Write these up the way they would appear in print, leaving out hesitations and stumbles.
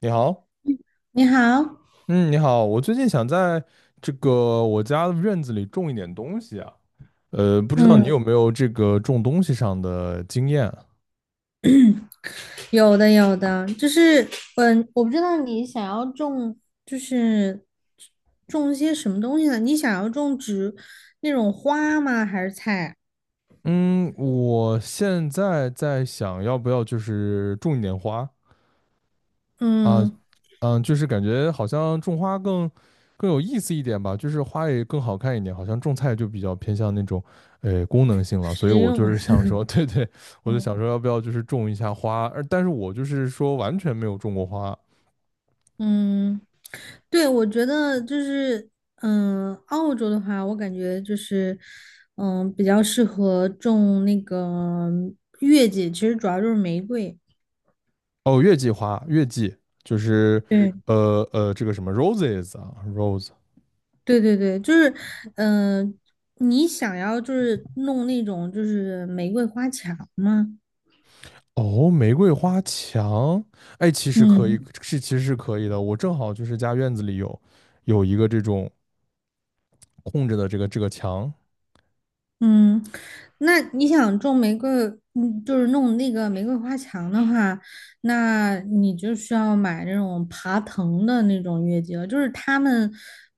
你好。你好。嗯，你好，我最近想在这个我家的院子里种一点东西啊。不知道你嗯，有没有这个种东西上的经验啊？有的有的。我不知道你想要种，就是种一些什么东西呢？你想要种植那种花吗？还是菜？嗯，我现在在想要不要就是种一点花啊。嗯，嗯，就是感觉好像种花更有意思一点吧，就是花也更好看一点。好像种菜就比较偏向那种功能性了，所以食我用。就是想说，对对，我就想嗯 说要不要就是种一下花。但是我就是说完全没有种过花。嗯，对，我觉得澳洲的话，我感觉比较适合种那个月季，其实主要就是玫瑰。哦，月季花，月季就是对。这个什么 roses 啊，rose。对，就是，嗯、你想要就是弄那种就是玫瑰花墙吗？哦，玫瑰花墙。哎，其实可以，嗯。是其实是可以的。我正好就是家院子里有一个这种空着的这个墙。嗯，那你想种玫瑰，嗯，就是弄那个玫瑰花墙的话，那你就需要买那种爬藤的那种月季了。就是它们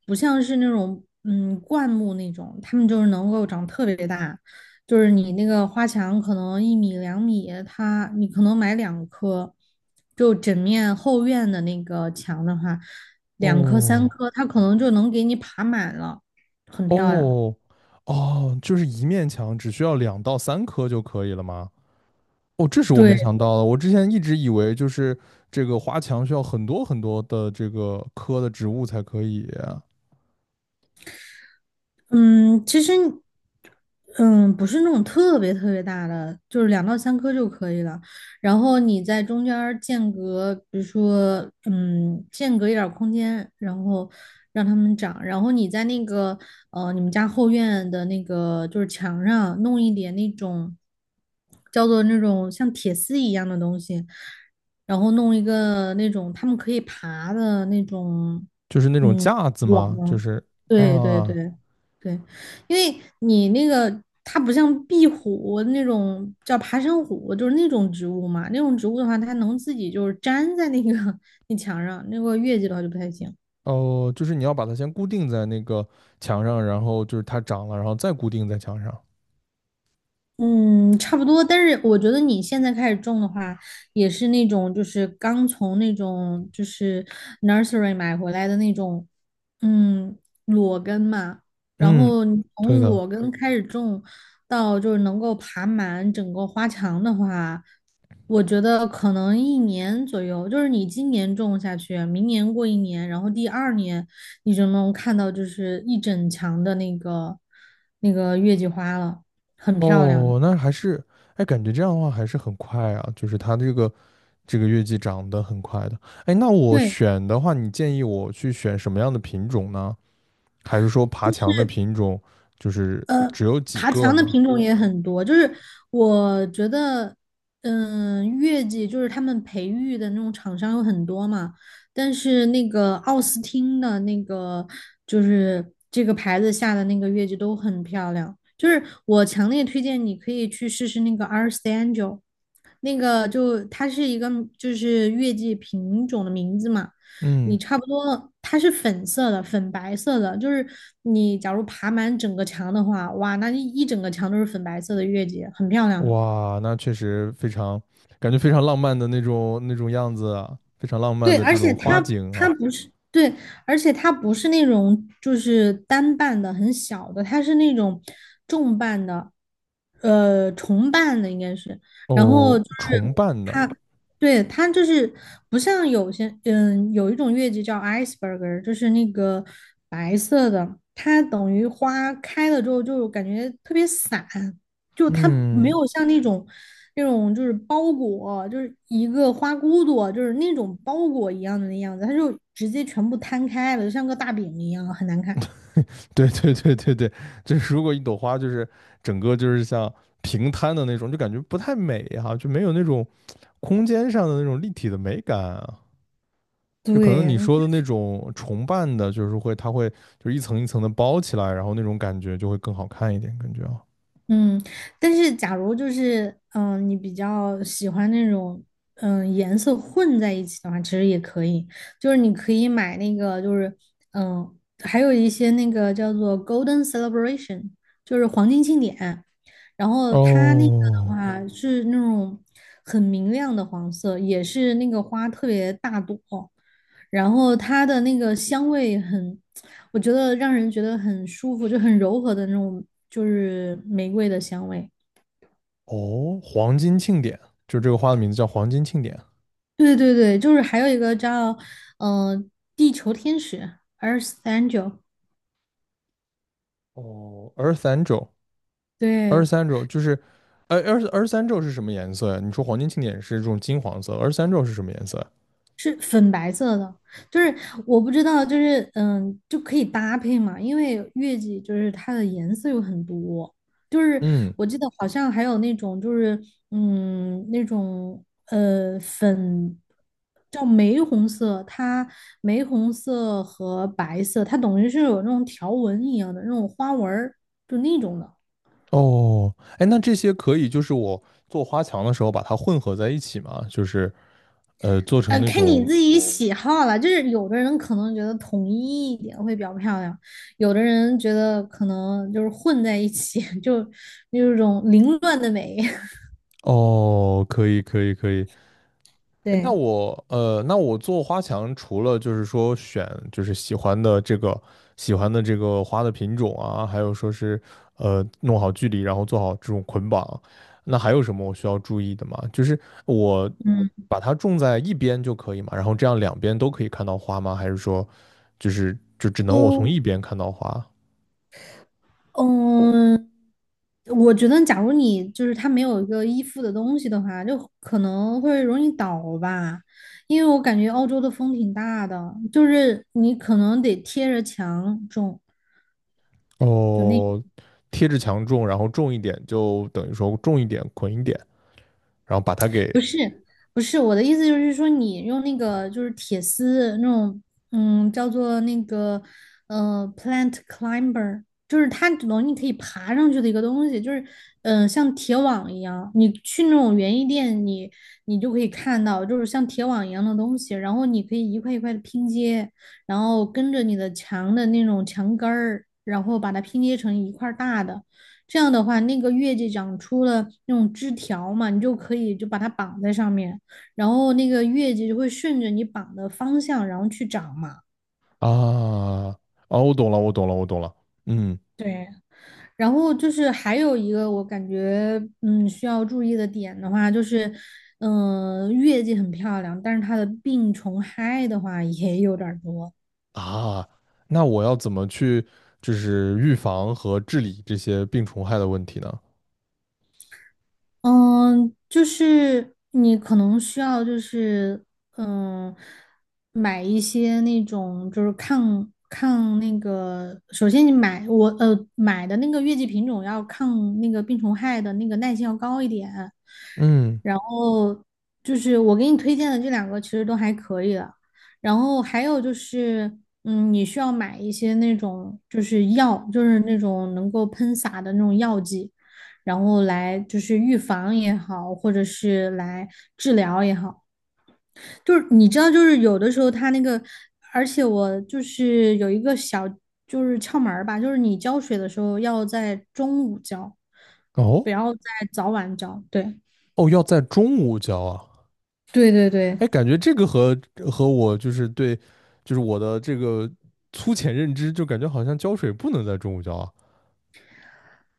不像是那种嗯灌木那种，它们就是能够长特别大。就是你那个花墙可能1米2米，它你可能买两棵，就整面后院的那个墙的话，两棵三哦棵，它可能就能给你爬满了，很漂亮。哦哦，就是一面墙只需要两到三棵就可以了吗？哦，这是我对。没想到的。我之前一直以为就是这个花墙需要很多很多的这个棵的植物才可以啊。嗯，其实，嗯，不是那种特别特别大的，就是2到3颗就可以了。然后你在中间儿间隔，比如说，嗯，间隔一点儿空间，然后让它们长。然后你在那个，你们家后院的那个就是墙上弄一点那种叫做那种像铁丝一样的东西，然后弄一个那种他们可以爬的那种。就是那种嗯，架子网吗？啊，就是对对对啊。对对。因为你那个它不像壁虎那种叫爬山虎，就是那种植物嘛，那种植物的话，它能自己就是粘在那个 那墙上，那个月季的话就不太行。哦，就是你要把它先固定在那个墙上，然后就是它长了，然后再固定在墙上。嗯，差不多。但是我觉得你现在开始种的话，也是那种就是刚从那种就是 nursery 买回来的那种，嗯，裸根嘛。然嗯，后你对从的。裸根开始种，到就是能够爬满整个花墙的话，我觉得可能一年左右。就是你今年种下去，明年过一年，然后第2年你就能看到就是一整墙的那个那个月季花了。很漂亮的。哦，那还是，哎，感觉这样的话还是很快啊，就是它这个这个月季长得很快的。哎，那我对，选的话，你建议我去选什么样的品种呢？还是说爬墙的品种就是只有几爬个墙的呢？品种也很多，就是我觉得，嗯，月季就是他们培育的那种厂商有很多嘛，但是那个奥斯汀的那个就是这个牌子下的那个月季都很漂亮，就是我强烈推荐你可以去试试那个 a r s t Angel,那个就它是一个就是月季品种的名字嘛。你嗯。差不多，它是粉色的，粉白色的，就是你假如爬满整个墙的话，哇，那一整个墙都是粉白色的月季，很漂亮的。哇，那确实非常，感觉非常浪漫的那种那种样子啊，非常浪漫对，的这而且种花它景它啊。不是对，而且它不是那种就是单瓣的很小的，它是那种重瓣的，重瓣的应该是，然后哦，就是重瓣的。对，它就是不像有些，嗯，有一种月季叫 iceberg,就是那个白色的，它等于花开了之后就感觉特别散，就它没嗯，有像那种那种就是包裹，就是一个花骨朵，就是那种包裹一样的那样子，它就直接全部摊开了，就像个大饼一样，很难看。对对对对对，就是如果一朵花就是整个就是像平摊的那种，就感觉不太美哈、就没有那种空间上的那种立体的美感啊。就可能你对，说的那种重瓣的，就是会它会就是一层一层的包起来，然后那种感觉就会更好看一点，感觉啊。嗯，但是假如就是你比较喜欢那种颜色混在一起的话，其实也可以。就是你可以买那个，就是嗯、呃还有一些那个叫做 Golden Celebration,就是黄金庆典。然后它那个的哦。话嗯是那种很明亮的黄色，也是那个花特别大朵，然后它的那个香味很。我觉得让人觉得很舒服，就很柔和的那种，就是玫瑰的香味。哦，黄金庆典，就这个花的名字叫黄金庆典。对对对，就是还有一个叫嗯，地球天使 Earth Angel,哦，二十三周二对，十三周就是，二十三周是什么颜色呀？你说黄金庆典是这种金黄色，二十三周是什么颜色呀？是粉白色的，就是我不知道，就是嗯，就可以搭配嘛，因为月季就是它的颜色有很多，就是嗯。我记得好像还有那种就是嗯那种粉叫玫红色，它玫红色和白色，它等于是有那种条纹一样的那种花纹儿，就那种的。哦，哎，那这些可以就是我做花墙的时候把它混合在一起吗？就是做成那看你种。自己喜好了，就是有的人可能觉得统一一点会比较漂亮，有的人觉得可能就是混在一起，就那种凌乱的美。哦，可以，可以，可以。哎，对，那我做花墙，除了就是说选就是喜欢的这个花的品种啊，还有说是弄好距离，然后做好这种捆绑，那还有什么我需要注意的吗？就是我嗯，把它种在一边就可以嘛，然后这样两边都可以看到花吗？还是说就只能我从都，一边看到花？嗯，我觉得假如你就是它没有一个依附的东西的话，就可能会容易倒吧，因为我感觉澳洲的风挺大的，就是你可能得贴着墙种，就那。哦，贴着墙种，然后种一点就等于说种一点捆一点，然后把它给不是不是，我的意思就是说，你用那个就是铁丝那种，嗯，叫做那个plant climber,就是它只能你可以爬上去的一个东西，就是像铁网一样，你去那种园艺店你，你就可以看到，就是像铁网一样的东西，然后你可以一块一块的拼接，然后跟着你的墙的那种墙根儿，然后把它拼接成一块儿大的。这样的话，那个月季长出了那种枝条嘛，你就可以就把它绑在上面，然后那个月季就会顺着你绑的方向，然后去长嘛。啊。啊，我懂了，我懂了，我懂了。嗯。对，然后就是还有一个我感觉嗯需要注意的点的话，就是月季很漂亮，但是它的病虫害的话也有点儿多。啊，那我要怎么去就是预防和治理这些病虫害的问题呢？嗯，就是你可能需要，就是嗯，买一些那种就是抗那个，首先你买我买的那个月季品种要抗那个病虫害的那个耐性要高一点，嗯。然后就是我给你推荐的这2个其实都还可以的，然后还有就是嗯，你需要买一些那种就是药，就是那种能够喷洒的那种药剂。然后来就是预防也好，或者是来治疗也好，就是你知道，就是有的时候它那个，而且我就是有一个小就是窍门儿吧，就是你浇水的时候要在中午浇，不哦要在早晚浇。对，哦，要在中午浇啊。对对对。哎，感觉这个和我就是对，就是我的这个粗浅认知，就感觉好像浇水不能在中午浇啊。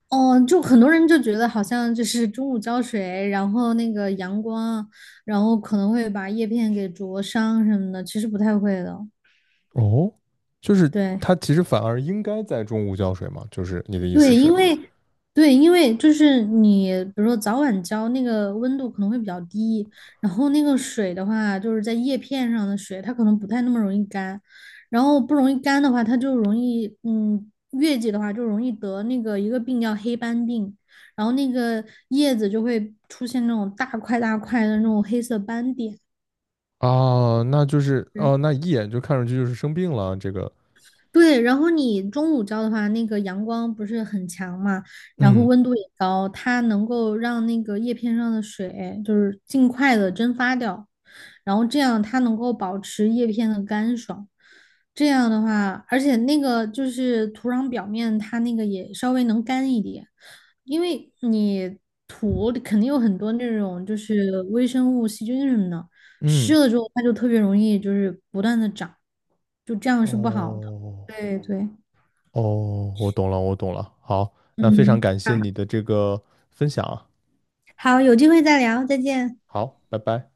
哦，就很多人就觉得好像就是中午浇水，然后那个阳光，然后可能会把叶片给灼伤什么的，其实不太会的。哦，就是对，它其实反而应该在中午浇水嘛，就是你的意思对，是因为对，因为就是你，比如说早晚浇那个温度可能会比较低，然后那个水的话，就是在叶片上的水，它可能不太那么容易干，然后不容易干的话，它就容易，嗯，月季的话就容易得那个一个病叫黑斑病，然后那个叶子就会出现那种大块大块的那种黑色斑点。啊，那就是哦，那一眼就看上去就是生病了这个。对，然后你中午浇的话，那个阳光不是很强嘛，然后嗯。温度也高，它能够让那个叶片上的水就是尽快的蒸发掉，然后这样它能够保持叶片的干爽。这样的话，而且那个就是土壤表面，它那个也稍微能干一点，因为你土里肯定有很多那种就是微生物、细菌什么的，湿嗯，了之后它就特别容易就是不断的长，就这样是不好的。哦对对，哦，我懂了，我懂了。好，那非常嗯，感谢你的这个分享啊。好，好，有机会再聊，再见。好，拜拜。